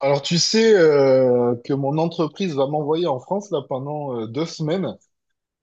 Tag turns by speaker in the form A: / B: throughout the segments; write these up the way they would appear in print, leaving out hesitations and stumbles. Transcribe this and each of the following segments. A: Alors tu sais que mon entreprise va m'envoyer en France là pendant 2 semaines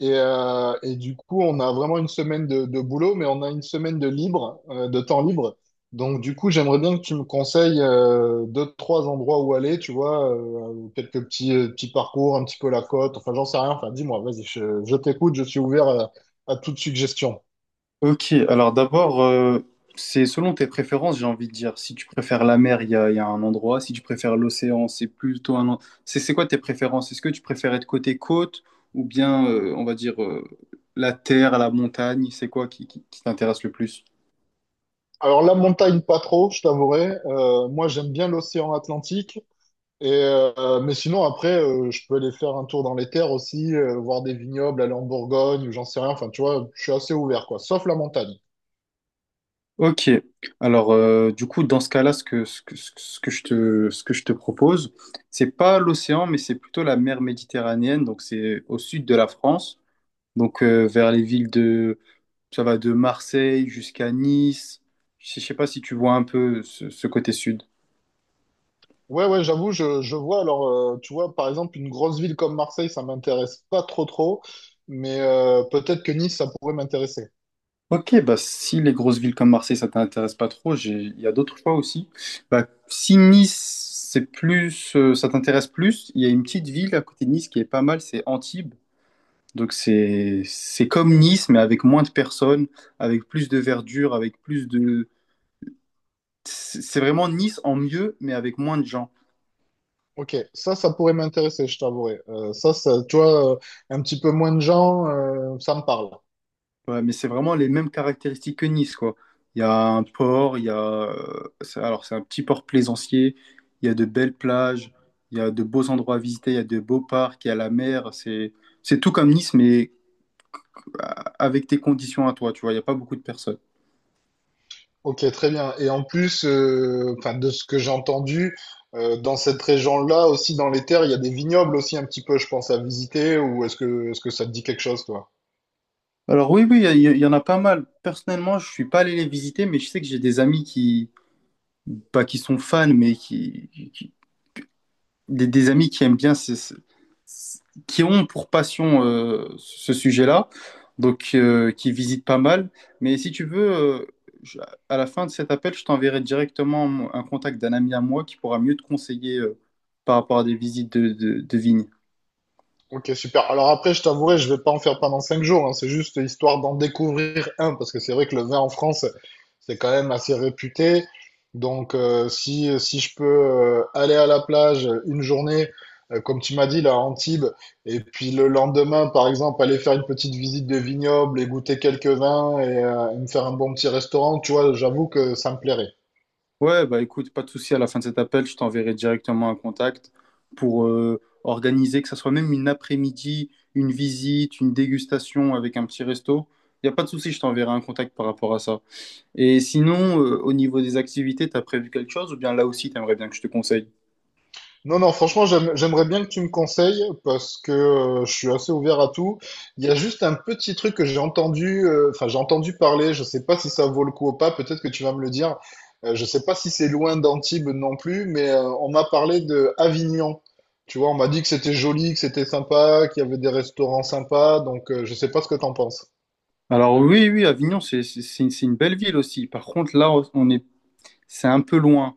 A: et du coup on a vraiment une semaine de boulot, mais on a une semaine de libre, de temps libre. Donc du coup j'aimerais bien que tu me conseilles deux trois endroits où aller, tu vois, quelques petits, petits parcours, un petit peu la côte, enfin j'en sais rien, enfin dis-moi, vas-y, je t'écoute, je suis ouvert à toute suggestion.
B: Ok, alors d'abord, c'est selon tes préférences, j'ai envie de dire. Si tu préfères la mer, il y a un endroit. Si tu préfères l'océan, c'est plutôt un... c'est quoi tes préférences? Est-ce que tu préfères être côté côte ou bien, on va dire, la terre, la montagne? C'est quoi qui t'intéresse le plus?
A: Alors la montagne pas trop, je t'avouerai. Moi j'aime bien l'océan Atlantique. Mais sinon, après, je peux aller faire un tour dans les terres aussi, voir des vignobles, aller en Bourgogne, ou j'en sais rien. Enfin, tu vois, je suis assez ouvert, quoi. Sauf la montagne.
B: Ok, alors du coup, dans ce cas-là, ce que je te propose, c'est pas l'océan, mais c'est plutôt la mer Méditerranéenne. Donc c'est au sud de la France, donc vers les villes. Ça va de Marseille jusqu'à Nice. Je ne sais pas si tu vois un peu ce côté sud.
A: Ouais, ouais, j'avoue, je vois. Alors, tu vois, par exemple, une grosse ville comme Marseille, ça m'intéresse pas trop, trop. Mais peut-être que Nice, ça pourrait m'intéresser.
B: Ok, bah si les grosses villes comme Marseille, ça t'intéresse pas trop, il y a d'autres choix aussi. Bah, si Nice, c'est plus, ça t'intéresse plus, il y a une petite ville à côté de Nice qui est pas mal, c'est Antibes. Donc c'est comme Nice, mais avec moins de personnes, avec plus de verdure, avec plus de... C'est vraiment Nice en mieux, mais avec moins de gens.
A: Ok, ça pourrait m'intéresser, je t'avouerai. Ça, ça, tu vois, un petit peu moins de gens, ça me parle.
B: Ouais, mais c'est vraiment les mêmes caractéristiques que Nice, quoi. Il y a un port, il y a... Alors, c'est un petit port plaisancier, il y a de belles plages, il y a de beaux endroits à visiter, il y a de beaux parcs, il y a la mer. C'est tout comme Nice, mais euh, avec tes conditions à toi, tu vois. Il n'y a pas beaucoup de personnes.
A: Ok, très bien. Et en plus, enfin, de ce que j'ai entendu, dans cette région-là aussi, dans les terres, il y a des vignobles aussi un petit peu, je pense, à visiter. Ou est-ce que ça te dit quelque chose, toi?
B: Alors oui, oui, il y en a pas mal. Personnellement, je suis pas allé les visiter, mais je sais que j'ai des amis qui, pas qui sont fans, mais qui, des amis qui aiment bien, qui ont pour passion ce sujet-là, donc qui visitent pas mal. Mais si tu veux, je- à la fin de cet appel, je t'enverrai directement un contact d'un ami à moi qui pourra mieux te conseiller par rapport à des visites de vignes.
A: Ok, super. Alors après, je t'avouerai, je vais pas en faire pendant 5 jours, hein. C'est juste histoire d'en découvrir un, parce que c'est vrai que le vin en France, c'est quand même assez réputé. Donc, si je peux aller à la plage une journée, comme tu m'as dit, là, à Antibes, et puis le lendemain, par exemple, aller faire une petite visite de vignoble et goûter quelques vins et me faire un bon petit restaurant, tu vois, j'avoue que ça me plairait.
B: Ouais, bah écoute, pas de souci, à la fin de cet appel, je t'enverrai directement un contact pour organiser, que ça soit même une après-midi, une visite, une dégustation avec un petit resto. Il n'y a pas de souci, je t'enverrai un contact par rapport à ça. Et sinon, au niveau des activités, t'as prévu quelque chose ou bien là aussi, t'aimerais bien que je te conseille?
A: Non, non, franchement, j'aimerais bien que tu me conseilles, parce que je suis assez ouvert à tout. Il y a juste un petit truc que j'ai entendu, enfin, j'ai entendu parler, je sais pas si ça vaut le coup ou pas, peut-être que tu vas me le dire. Je sais pas si c'est loin d'Antibes non plus, mais on m'a parlé de Avignon. Tu vois, on m'a dit que c'était joli, que c'était sympa, qu'il y avait des restaurants sympas, donc je sais pas ce que t'en penses.
B: Alors oui, oui, Avignon, c'est une belle ville aussi. Par contre, là, on est, c'est un peu loin.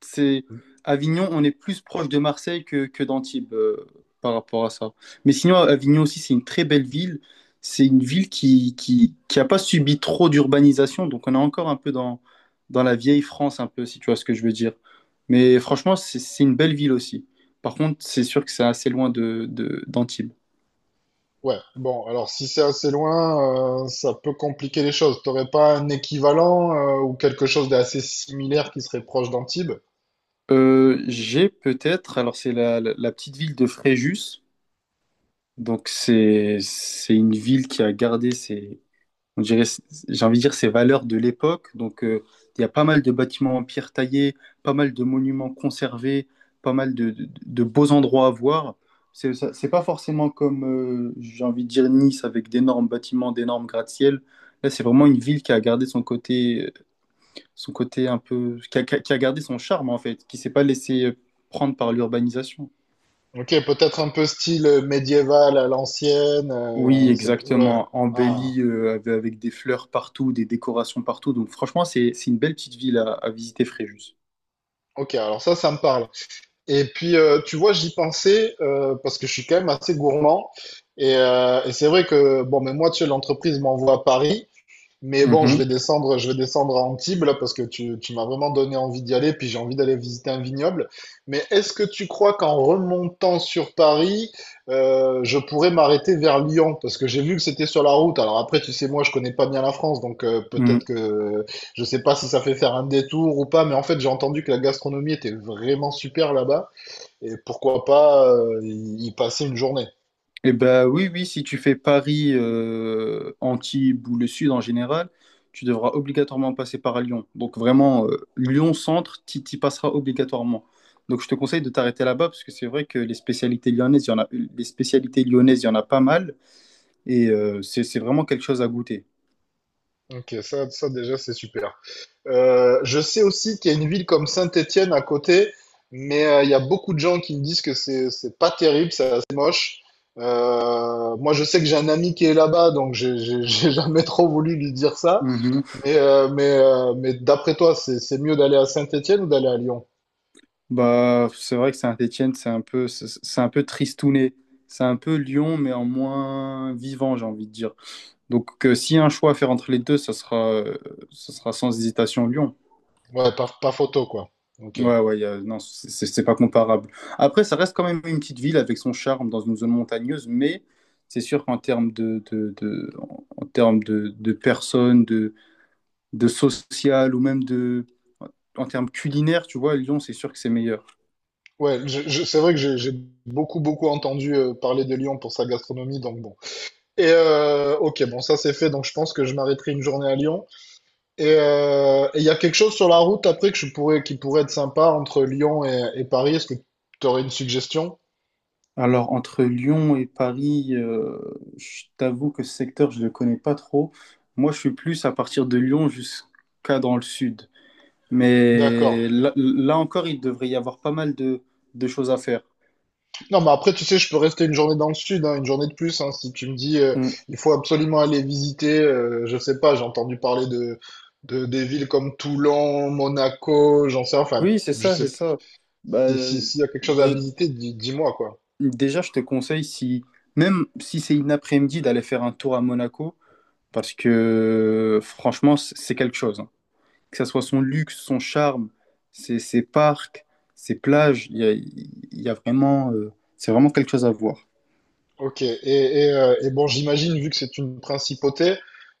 B: C'est Avignon, on est plus proche de Marseille que d'Antibes par rapport à ça. Mais sinon, Avignon aussi, c'est une très belle ville. C'est une ville qui a pas subi trop d'urbanisation, donc on est encore un peu dans la vieille France, un peu, si tu vois ce que je veux dire. Mais franchement, c'est une belle ville aussi. Par contre, c'est sûr que c'est assez loin d'Antibes.
A: Ouais, bon, alors si c'est assez loin, ça peut compliquer les choses. T'aurais pas un équivalent, ou quelque chose d'assez similaire qui serait proche d'Antibes?
B: J'ai peut-être, alors c'est la petite ville de Fréjus, donc c'est une ville qui a gardé ses, on dirait, j'ai envie de dire, ces valeurs de l'époque. Donc, il y a pas mal de bâtiments en pierre taillée, pas mal de monuments conservés, pas mal de beaux endroits à voir. C'est pas forcément comme, j'ai envie de dire, Nice avec d'énormes bâtiments, d'énormes gratte-ciel. Là, c'est vraiment une ville qui a gardé son côté un peu, qui a gardé son charme en fait, qui s'est pas laissé prendre par l'urbanisation.
A: Ok, peut-être un peu style médiéval à l'ancienne.
B: Oui,
A: Ouais.
B: exactement.
A: Ah,
B: Embellie avec des fleurs partout, des décorations partout. Donc franchement, c'est une belle petite ville à visiter, Fréjus.
A: ok, alors ça me parle. Et puis, tu vois, j'y pensais, parce que je suis quand même assez gourmand. Et c'est vrai que, bon, mais moi, tu sais, l'entreprise m'envoie à Paris. Mais bon,
B: Mhm.
A: je vais descendre à Antibes là, parce que tu m'as vraiment donné envie d'y aller, puis j'ai envie d'aller visiter un vignoble. Mais est-ce que tu crois qu'en remontant sur Paris, je pourrais m'arrêter vers Lyon? Parce que j'ai vu que c'était sur la route. Alors après, tu sais, moi, je connais pas bien la France, donc peut-être
B: Mhm.
A: que je sais pas si ça fait faire un détour ou pas. Mais en fait, j'ai entendu que la gastronomie était vraiment super là bas, et pourquoi pas y passer une journée.
B: Eh ben oui, oui, si tu fais Paris, Antibes ou le Sud en général, tu devras obligatoirement passer par Lyon. Donc vraiment, Lyon-Centre, tu y passeras obligatoirement. Donc je te conseille de t'arrêter là-bas parce que c'est vrai que les spécialités lyonnaises, il y en a pas mal et c'est vraiment quelque chose à goûter.
A: Ok, ça déjà, c'est super. Je sais aussi qu'il y a une ville comme Saint-Étienne à côté, mais il y a beaucoup de gens qui me disent que c'est pas terrible, c'est assez moche. Moi, je sais que j'ai un ami qui est là-bas, donc j'ai jamais trop voulu lui dire ça. Mais mais d'après toi, c'est mieux d'aller à Saint-Étienne ou d'aller à Lyon?
B: Bah, c'est vrai que Saint-Étienne, c'est un peu tristouné. C'est un peu Lyon, mais en moins vivant, j'ai envie de dire. Donc, s'il y a un choix à faire entre les deux, ça sera sans hésitation Lyon.
A: Ouais, pas photo, quoi. Ok.
B: Ouais, ouais, non, c'est pas comparable. Après, ça reste quand même une petite ville avec son charme dans une zone montagneuse, mais c'est sûr qu'en termes en en termes de personnes, de social ou même de, en termes culinaires, tu vois, Lyon, c'est sûr que c'est meilleur.
A: Ouais, c'est vrai que j'ai beaucoup beaucoup entendu parler de Lyon pour sa gastronomie, donc bon. Ok, bon, ça c'est fait, donc je pense que je m'arrêterai une journée à Lyon. Et il y a quelque chose sur la route après que je pourrais, qui pourrait être sympa entre Lyon et Paris. Est-ce que tu aurais une suggestion?
B: Alors, entre Lyon et Paris, je t'avoue que ce secteur, je ne le connais pas trop. Moi, je suis plus à partir de Lyon jusqu'à dans le sud.
A: D'accord.
B: Mais là, là encore, il devrait y avoir pas mal de choses à faire.
A: Non, mais après, tu sais, je peux rester une journée dans le sud, hein, une journée de plus, hein, si tu me dis,
B: Mm.
A: il faut absolument aller visiter, je sais pas, j'ai entendu parler de, des villes comme Toulon, Monaco, j'en sais, enfin,
B: Oui, c'est
A: je
B: ça,
A: sais,
B: c'est ça. Bah,
A: si, si, s'il y a quelque chose à
B: dé-
A: visiter, dis-moi, quoi.
B: déjà, je te conseille, si, même si c'est une après-midi, d'aller faire un tour à Monaco, parce que franchement, c'est quelque chose, hein. Que ce soit son luxe, son charme, ses parcs, ses plages, il y a vraiment, c'est vraiment quelque chose à voir.
A: Ok, et bon, j'imagine, vu que c'est une principauté,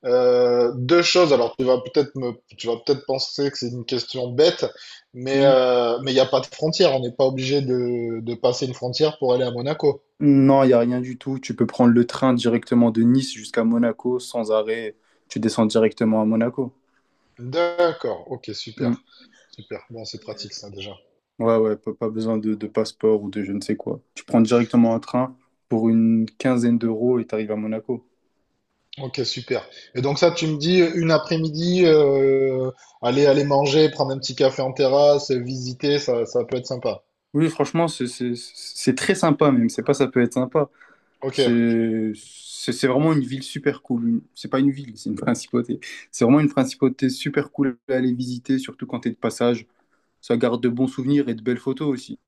A: deux choses. Alors, tu vas peut-être penser que c'est une question bête, mais
B: Hmm.
A: mais il n'y a pas de frontière. On n'est pas obligé de passer une frontière pour aller à Monaco.
B: Non, il n'y a rien du tout. Tu peux prendre le train directement de Nice jusqu'à Monaco sans arrêt. Tu descends directement à Monaco.
A: D'accord, ok,
B: Hmm.
A: super. Super. Bon, c'est pratique ça déjà.
B: Ouais, ouais, pas besoin de passeport ou de je ne sais quoi. Tu prends directement un train pour une quinzaine d'euros et tu arrives à Monaco.
A: Ok, super. Et donc ça, tu me dis une après-midi, aller manger, prendre un petit café en terrasse, visiter, ça peut être sympa.
B: Oui, franchement, c'est très sympa même. C'est pas ça peut être sympa.
A: Ok.
B: C'est vraiment une ville super cool. Une- C'est pas une ville, c'est une principauté. C'est vraiment une principauté super cool à aller visiter, surtout quand t'es de passage. Ça garde de bons souvenirs et de belles photos aussi.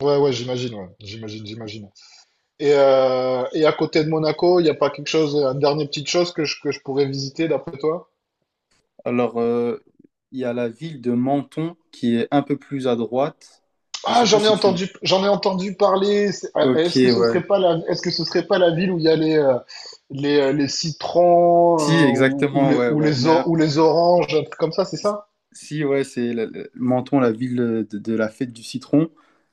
A: Ouais, ouais. J'imagine, j'imagine. Et à côté de Monaco, il n'y a pas quelque chose, une dernière petite chose que que je pourrais visiter d'après toi?
B: Alors, il y a la ville de Menton qui est un peu plus à droite. Je
A: Ah,
B: sais pas
A: j'en ai
B: si tu...
A: entendu, j'en ai entendu parler. Ah,
B: Ok,
A: est-ce que ce
B: ouais.
A: serait pas la, est-ce que ce serait pas la ville où il y a les citrons,
B: Si,
A: ou, ou
B: exactement,
A: les,
B: ouais,
A: ou
B: ouais.
A: les,
B: Mais
A: or- ou les oranges, un truc comme ça, c'est ça?
B: si, ouais, Menton, la ville de la fête du citron.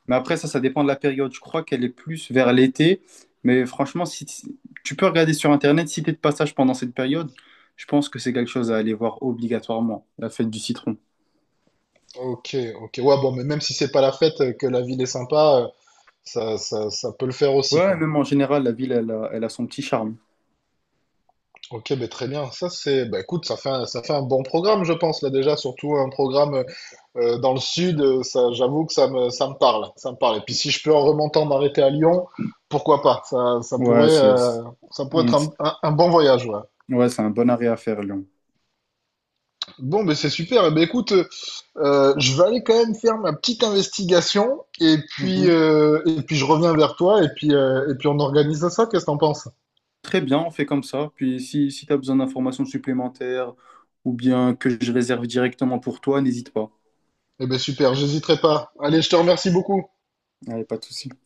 B: Mais après, ça dépend de la période. Je crois qu'elle est plus vers l'été. Mais franchement, tu peux regarder sur Internet, si tu es de passage pendant cette période, je pense que c'est quelque chose à aller voir obligatoirement, la fête du citron.
A: Ok, ok. Ouais, bon, mais même si c'est pas la fête, que la ville est sympa, ça peut le faire aussi,
B: Ouais,
A: quoi.
B: même en général, la ville, elle a son petit charme.
A: Ok, ben très bien. Ça, c'est, ben écoute, ça fait un bon programme, je pense, là déjà, surtout un programme dans le sud, ça, j'avoue que ça me parle. Et puis si je peux en remontant dans l'été à Lyon, pourquoi pas? Ça, ça
B: Ouais,
A: pourrait,
B: c'est c'est-
A: euh, ça pourrait
B: mm,
A: être un,
B: c'est-
A: un- un bon voyage, ouais.
B: ouais, c'est un bon arrêt à faire, Lyon.
A: Bon, mais c'est super. Eh ben écoute, je vais aller quand même faire ma petite investigation, et puis,
B: Mhm.
A: et puis je reviens vers toi, et puis, et puis on organise ça. Qu'est-ce que t'en penses?
B: Très bien, on fait comme ça. Puis si, si tu as besoin d'informations supplémentaires ou bien que je réserve directement pour toi, n'hésite pas.
A: Eh ben super, j'hésiterai pas. Allez, je te remercie beaucoup.
B: Allez, pas de souci.